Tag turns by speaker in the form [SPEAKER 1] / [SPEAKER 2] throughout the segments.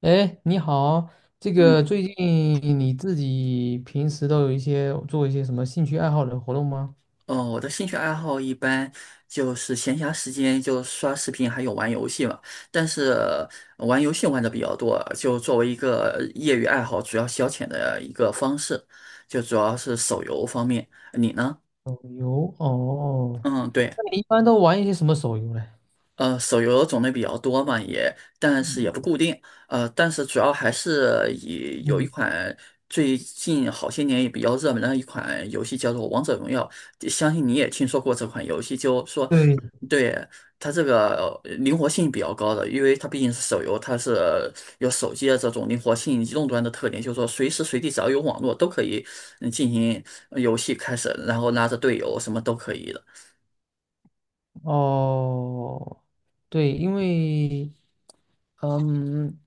[SPEAKER 1] 哎，你好，这个
[SPEAKER 2] 嗯，
[SPEAKER 1] 最近你自己平时都有一些做一些什么兴趣爱好的活动吗？
[SPEAKER 2] 哦，我的兴趣爱好一般就是闲暇时间就刷视频，还有玩游戏嘛。但是玩游戏玩的比较多，就作为一个业余爱好，主要消遣的一个方式，就主要是手游方面。你呢？
[SPEAKER 1] 手游哦，
[SPEAKER 2] 嗯，对。
[SPEAKER 1] 那你一般都玩一些什么手游嘞？
[SPEAKER 2] 手游种类比较多嘛，但是也不固定，但是主要还是以有一
[SPEAKER 1] 嗯，
[SPEAKER 2] 款最近好些年也比较热门的一款游戏叫做《王者荣耀》，相信你也听说过这款游戏，就说
[SPEAKER 1] 对，
[SPEAKER 2] 对，它这个灵活性比较高的，因为它毕竟是手游，它是有手机的这种灵活性、移动端的特点，就是说随时随地只要有网络都可以进行游戏开始，然后拉着队友什么都可以的。
[SPEAKER 1] 哦，对，因为嗯，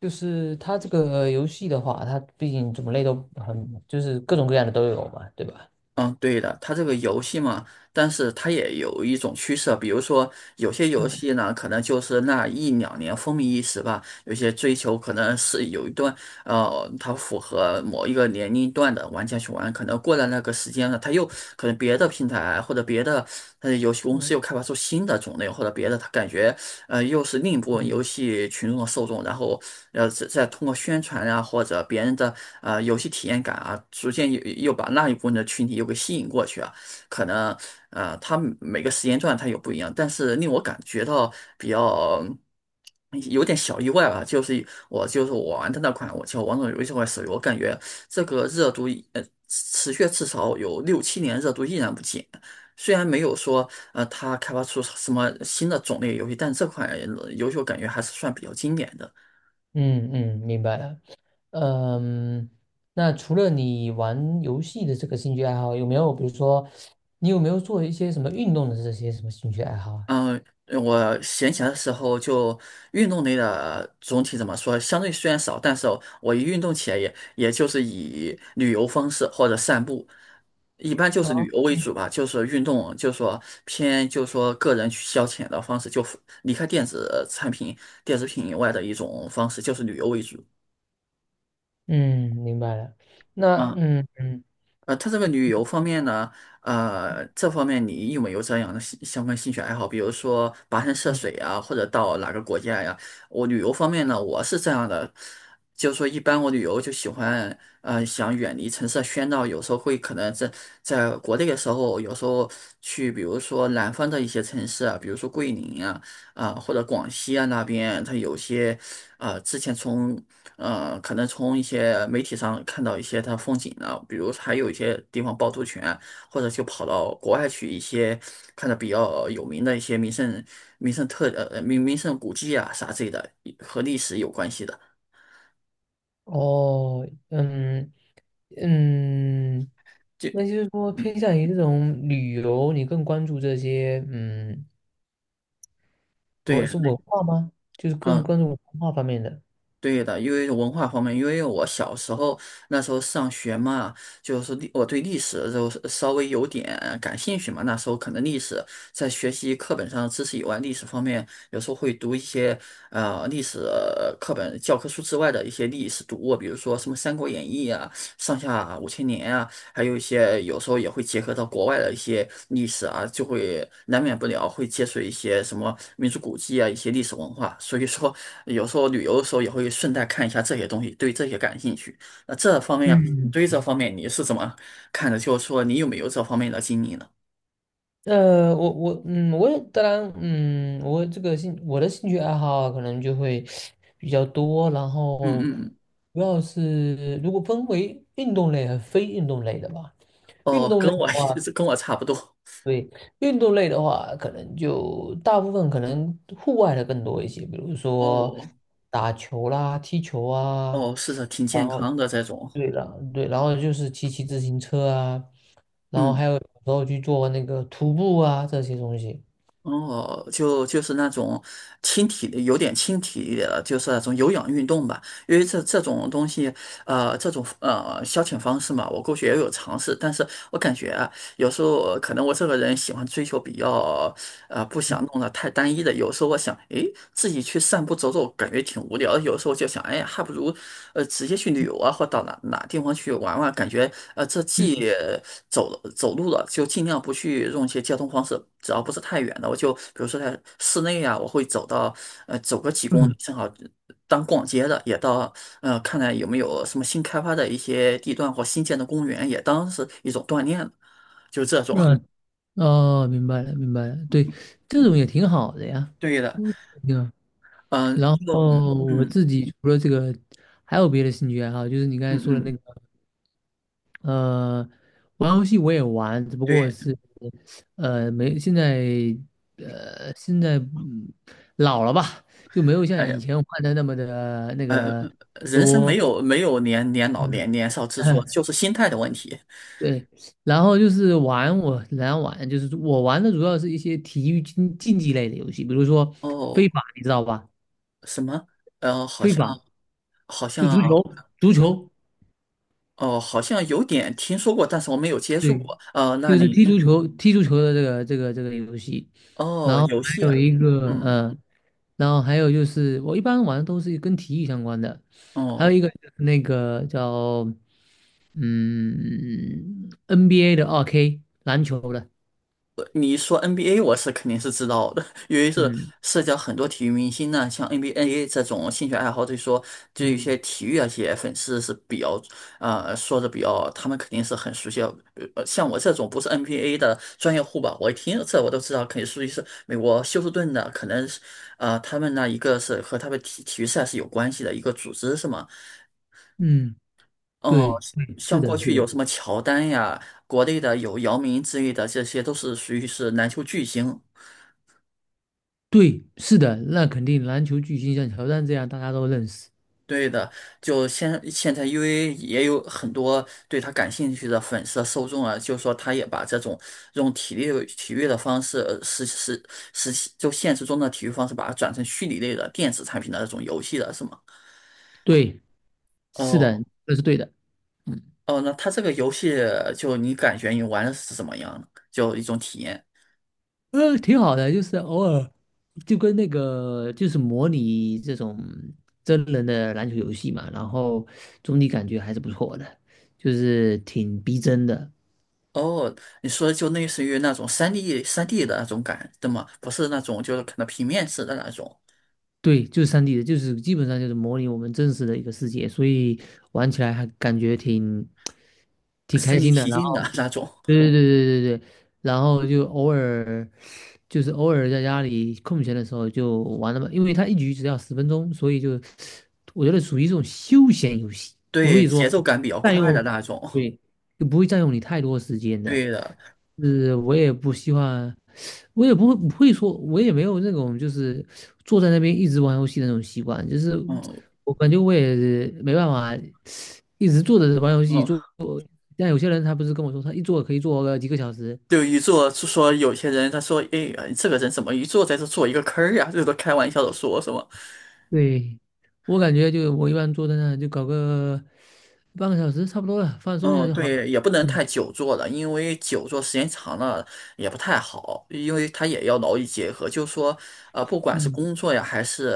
[SPEAKER 1] 就是它这个游戏的话，它毕竟种类都很，就是各种各样的都有嘛，对吧？
[SPEAKER 2] 嗯，对的，它这个游戏嘛，但是它也有一种趋势，比如说有些游
[SPEAKER 1] 嗯
[SPEAKER 2] 戏呢，可能就是那一两年风靡一时吧，有些追求可能是有一段，它符合某一个年龄段的玩家去玩，可能过了那个时间了，它又可能别的平台或者别的游戏公
[SPEAKER 1] 嗯
[SPEAKER 2] 司又开发出新的种类，或者别的，它感觉又是另一部分游戏群众的受众，然后再通过宣传啊或者别人的游戏体验感啊，逐渐又把那一部分的群体又给吸引过去啊。可能它每个时间段它有不一样，但是令我感觉到比较。有点小意外吧，就是我玩的那款，我叫《王者荣耀》这手游，我感觉这个热度持续至少有六七年，热度依然不减。虽然没有说它开发出什么新的种类游戏，但这款游戏我感觉还是算比较经典的。
[SPEAKER 1] 嗯嗯，明白了。嗯，那除了你玩游戏的这个兴趣爱好，有没有比如说，你有没有做一些什么运动的这些什么兴趣爱好啊？
[SPEAKER 2] 嗯、我闲暇的时候就运动类的总体怎么说，相对虽然少，但是我一运动起来也就是以旅游方式或者散步，一般就是
[SPEAKER 1] 哦，
[SPEAKER 2] 旅游为主吧，就是运动，就是说偏就是说个人去消遣的方式，就离开电子产品、电子品以外的一种方式，就是旅游为主。
[SPEAKER 1] 嗯，明白了。那
[SPEAKER 2] 嗯。
[SPEAKER 1] 嗯嗯
[SPEAKER 2] 它这个旅游方面呢，这方面你有没有这样的相关兴趣爱好？比如说跋山涉水
[SPEAKER 1] 嗯，
[SPEAKER 2] 啊，或者到哪个国家呀？我旅游方面呢，我是这样的，就是说一般我旅游就喜欢，想远离城市的喧闹，有时候会可能在国内的时候，有时候去，比如说南方的一些城市啊，比如说桂林啊。啊，或者广西啊那边，它有些啊，之前从可能从一些媒体上看到一些它风景啊，比如还有一些地方趵突泉，或者就跑到国外去一些看着比较有名的一些名胜古迹啊啥之类的，和历史有关系的。
[SPEAKER 1] 哦，嗯嗯，
[SPEAKER 2] 就
[SPEAKER 1] 那就是说偏
[SPEAKER 2] 嗯，
[SPEAKER 1] 向于这种旅游，你更关注这些，
[SPEAKER 2] 对，
[SPEAKER 1] 我是文化吗？就是更
[SPEAKER 2] 嗯。
[SPEAKER 1] 关注文化方面的。
[SPEAKER 2] 对的，因为文化方面，因为我小时候那时候上学嘛，就是我对历史就是稍微有点感兴趣嘛。那时候可能历史在学习课本上的知识以外，历史方面有时候会读一些历史课本教科书之外的一些历史读物，比如说什么《三国演义》啊、《上下五千年》还有一些有时候也会结合到国外的一些历史啊，就会难免不了会接触一些什么民族古迹啊，一些历史文化。所以说，有时候旅游的时候也会顺带看一下这些东西，对这些感兴趣。那这方面，你
[SPEAKER 1] 嗯
[SPEAKER 2] 对这方面你是怎么看的？就是说，你有没有这方面的经历呢？
[SPEAKER 1] 呃，我我也当然我的兴趣爱好可能就会比较多，然
[SPEAKER 2] 嗯
[SPEAKER 1] 后
[SPEAKER 2] 嗯嗯，
[SPEAKER 1] 主要是如果分为运动类和非运动类的吧。运
[SPEAKER 2] 哦，
[SPEAKER 1] 动类的话，
[SPEAKER 2] 跟我差不多。
[SPEAKER 1] 对，运动类的话，可能就大部分可能户外的更多一些，比如说
[SPEAKER 2] 哦
[SPEAKER 1] 打球啦、踢球啊，
[SPEAKER 2] 哦，是的，挺
[SPEAKER 1] 然
[SPEAKER 2] 健
[SPEAKER 1] 后
[SPEAKER 2] 康的这种。
[SPEAKER 1] 对了，对，然后就是骑自行车啊，
[SPEAKER 2] 嗯。
[SPEAKER 1] 然后去做那个徒步啊这些东西。
[SPEAKER 2] 哦，就是那种轻体力，有点轻体力的，就是那种有氧运动吧。因为这种东西，这种消遣方式嘛，我过去也有尝试，但是我感觉啊，有时候可能我这个人喜欢追求比较。不想弄得太单一的。有时候我想，诶，自己去散步走走，感觉挺无聊的有时候就想，哎呀，还不如，直接去旅游啊，或到哪哪地方去玩玩。感觉，这既走路了，就尽量不去用一些交通方式，只要不是太远的，我就比如说在室内啊，我会走到，走个几公里，
[SPEAKER 1] 嗯，
[SPEAKER 2] 正好当逛街的，也到，看看有没有什么新开发的一些地段或新建的公园，也当是一种锻炼，就这种。
[SPEAKER 1] 嗯，哦，明白了，明白了，对，这种也挺好的呀，
[SPEAKER 2] 对的，
[SPEAKER 1] 我挺好。
[SPEAKER 2] 嗯、
[SPEAKER 1] 然
[SPEAKER 2] 就嗯
[SPEAKER 1] 后我
[SPEAKER 2] 嗯。
[SPEAKER 1] 自己除了这个，还有别的兴趣爱好，就是你刚
[SPEAKER 2] 嗯
[SPEAKER 1] 才说的那
[SPEAKER 2] 嗯，
[SPEAKER 1] 个，呃，玩游戏我也玩，只不过
[SPEAKER 2] 对，
[SPEAKER 1] 是，没，现在老了吧，就没有像
[SPEAKER 2] 哎
[SPEAKER 1] 以
[SPEAKER 2] 呀，
[SPEAKER 1] 前玩的那么的那个
[SPEAKER 2] 人生没
[SPEAKER 1] 多，
[SPEAKER 2] 有没有年年老
[SPEAKER 1] 嗯，
[SPEAKER 2] 年年少之说，就 是心态的问题。
[SPEAKER 1] 对，然后就是来玩就是我玩的主要是一些体育竞技类的游戏，比如说飞
[SPEAKER 2] 哦，
[SPEAKER 1] 法，你知道吧？
[SPEAKER 2] 什么？呃，好
[SPEAKER 1] 飞
[SPEAKER 2] 像
[SPEAKER 1] 法
[SPEAKER 2] 好
[SPEAKER 1] 就
[SPEAKER 2] 像
[SPEAKER 1] 足球，足球，
[SPEAKER 2] 哦，好像有点听说过，但是我没有接触
[SPEAKER 1] 对，
[SPEAKER 2] 过。那
[SPEAKER 1] 就是
[SPEAKER 2] 你
[SPEAKER 1] 踢足球，踢足球的这个游戏。然
[SPEAKER 2] 哦，
[SPEAKER 1] 后
[SPEAKER 2] 游戏
[SPEAKER 1] 还有
[SPEAKER 2] 啊，
[SPEAKER 1] 一个，
[SPEAKER 2] 嗯，
[SPEAKER 1] 然后还有就是我一般玩的都是跟体育相关的，还有
[SPEAKER 2] 哦。
[SPEAKER 1] 一个就是那个叫NBA 的2K 篮球的，
[SPEAKER 2] 你说 NBA，我是肯定是知道的，因为是
[SPEAKER 1] 嗯
[SPEAKER 2] 涉及到很多体育明星呢，像 NBA 这种兴趣爱好，对说就一些
[SPEAKER 1] 嗯
[SPEAKER 2] 体育啊，些粉丝是比较说的比较，他们肯定是很熟悉的，像我这种不是 NBA 的专业户吧，我一听这我都知道，肯定属于是美国休斯顿的，可能是他们呢一个是和他们体育赛事有关系的一个组织是吗？
[SPEAKER 1] 嗯。
[SPEAKER 2] 哦，
[SPEAKER 1] 对，对，是
[SPEAKER 2] 像过
[SPEAKER 1] 的，是
[SPEAKER 2] 去有
[SPEAKER 1] 的，
[SPEAKER 2] 什么乔丹呀，国内的有姚明之类的，这些都是属于是篮球巨星。
[SPEAKER 1] 对，是的，那肯定篮球巨星像乔丹这样大家都认识，
[SPEAKER 2] 对的，就现在，因为也有很多对他感兴趣的粉丝受众啊，就说他也把这种用体育的方式，呃实实实就现实中的体育方式，把它转成虚拟类的电子产品的那种游戏了，是吗？
[SPEAKER 1] 对，是
[SPEAKER 2] 哦
[SPEAKER 1] 的，这是对的，嗯，
[SPEAKER 2] 哦，那它这个游戏就你感觉你玩的是怎么样呢？就一种体验。
[SPEAKER 1] 挺好的，就是偶尔就跟那个就是模拟这种真人的篮球游戏嘛，然后总体感觉还是不错的，就是挺逼真的，
[SPEAKER 2] 哦，你说就类似于那种三 d 的那种感，对吗？不是那种就是可能平面式的那种，
[SPEAKER 1] 对，就是3D 的，就是基本上就是模拟我们真实的一个世界，所以玩起来还感觉挺开
[SPEAKER 2] 身临
[SPEAKER 1] 心的。
[SPEAKER 2] 其
[SPEAKER 1] 然
[SPEAKER 2] 境的
[SPEAKER 1] 后，
[SPEAKER 2] 那种。
[SPEAKER 1] 对对对对对对，然后就偶尔就是偶尔在家里空闲的时候就玩了嘛，因为它一局只要10分钟，所以就我觉得属于这种休闲游戏，不
[SPEAKER 2] 对，
[SPEAKER 1] 会
[SPEAKER 2] 节
[SPEAKER 1] 说
[SPEAKER 2] 奏感比较
[SPEAKER 1] 占
[SPEAKER 2] 快的
[SPEAKER 1] 用，
[SPEAKER 2] 那种。
[SPEAKER 1] 对，就不会占用你太多时间的。
[SPEAKER 2] 对的，
[SPEAKER 1] 是我也不希望，我也不会说，我也没有那种就是坐在那边一直玩游戏的那种习惯，就是
[SPEAKER 2] 嗯
[SPEAKER 1] 我感觉我也没办法一直坐着玩游戏
[SPEAKER 2] 嗯，
[SPEAKER 1] 坐。但有些人他不是跟我说，他一坐可以坐个几个小时。
[SPEAKER 2] 就一坐就说有些人他说，哎，这个人怎么一坐在这做一个坑儿呀？这都开玩笑的说，是吗？
[SPEAKER 1] 对，我感觉就我一般坐在那就搞个半个小时差不多了，放松一下
[SPEAKER 2] 嗯，
[SPEAKER 1] 就好了。
[SPEAKER 2] 对，也不能
[SPEAKER 1] 嗯
[SPEAKER 2] 太久坐了，因为久坐时间长了也不太好，因为它也要劳逸结合。就是说，不管是
[SPEAKER 1] 嗯
[SPEAKER 2] 工作呀，还是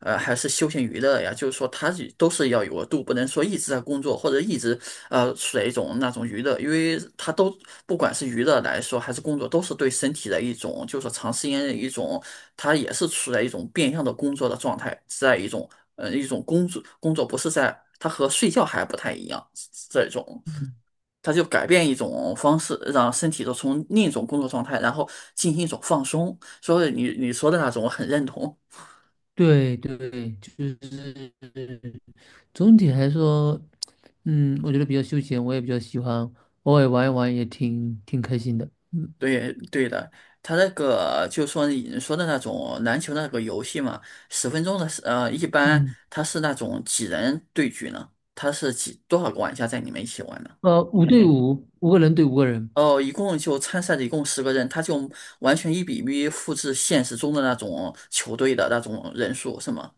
[SPEAKER 2] 还是休闲娱乐呀，就是说它是都是要有个度，不能说一直在工作或者一直处在一种那种娱乐，因为它都不管是娱乐来说还是工作，都是对身体的一种，就是说长时间的一种，它也是处在一种变相的工作的状态，在一种一种工作不是在。它和睡觉还不太一样，这种
[SPEAKER 1] 嗯，
[SPEAKER 2] 它就改变一种方式，让身体都从另一种工作状态，然后进行一种放松。所以你说的那种，我很认同。
[SPEAKER 1] 对对，就是。总体来说，我觉得比较休闲，我也比较喜欢，偶尔玩一玩也挺开心的。嗯
[SPEAKER 2] 对对的，他那个就说你说的那种篮球那个游戏嘛，10分钟的是，一般
[SPEAKER 1] 嗯，
[SPEAKER 2] 它是那种几人对局呢？它是多少个玩家在里面一起玩呢？
[SPEAKER 1] 5对5，5个人对5个人，
[SPEAKER 2] 哦，一共就参赛的一共10个人，他就完全1:1复制现实中的那种球队的那种人数，是吗？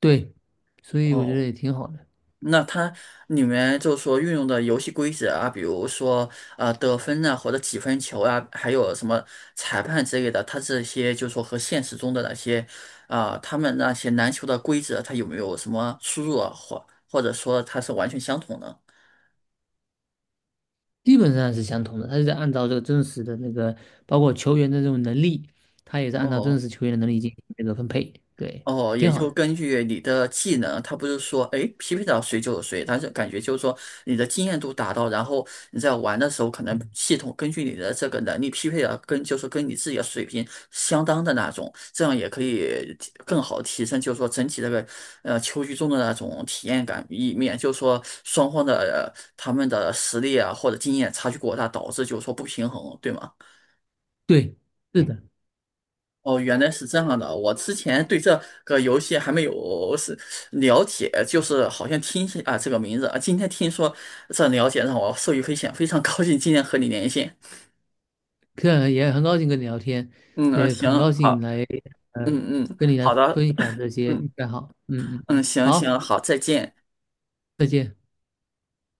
[SPEAKER 1] 对，所以我觉得
[SPEAKER 2] 哦，
[SPEAKER 1] 也挺好的，
[SPEAKER 2] 那它里面就是说运用的游戏规则啊，比如说得分啊，或者几分球啊，还有什么裁判之类的，它这些就是说和现实中的那些啊、他们那些篮球的规则，它有没有什么出入啊，或者说它是完全相同的？
[SPEAKER 1] 基本上是相同的。他是在按照这个真实的那个，包括球员的这种能力，他也是按照真
[SPEAKER 2] 哦
[SPEAKER 1] 实球员的能力进行那个分配，对，
[SPEAKER 2] 哦，也
[SPEAKER 1] 挺好
[SPEAKER 2] 就
[SPEAKER 1] 的。
[SPEAKER 2] 根据你的技能，他不是说，哎，匹配到谁就是谁，他是感觉就是说你的经验度达到，然后你在玩的时候，可能系统根据你的这个能力匹配的就是跟你自己的水平相当的那种，这样也可以更好提升，就是说整体这个球局中的那种体验感一面，就是说双方的、他们的实力啊或者经验差距过大，导致就是说不平衡，对吗？
[SPEAKER 1] 对，是的，
[SPEAKER 2] 哦，原来是这样的。我之前对这个游戏还没有是了解，就是好像听起啊这个名字啊，今天听说这了解让我受益匪浅，非常高兴今天和你连线。
[SPEAKER 1] 这也很高兴跟你聊天，
[SPEAKER 2] 嗯，
[SPEAKER 1] 也
[SPEAKER 2] 行，
[SPEAKER 1] 很高兴
[SPEAKER 2] 好，
[SPEAKER 1] 呃
[SPEAKER 2] 嗯嗯，
[SPEAKER 1] 跟你来
[SPEAKER 2] 好的，
[SPEAKER 1] 分享这些
[SPEAKER 2] 嗯
[SPEAKER 1] 兴趣爱好。嗯嗯
[SPEAKER 2] 嗯，
[SPEAKER 1] 嗯，
[SPEAKER 2] 行
[SPEAKER 1] 好，
[SPEAKER 2] 行，好，再见。
[SPEAKER 1] 再见。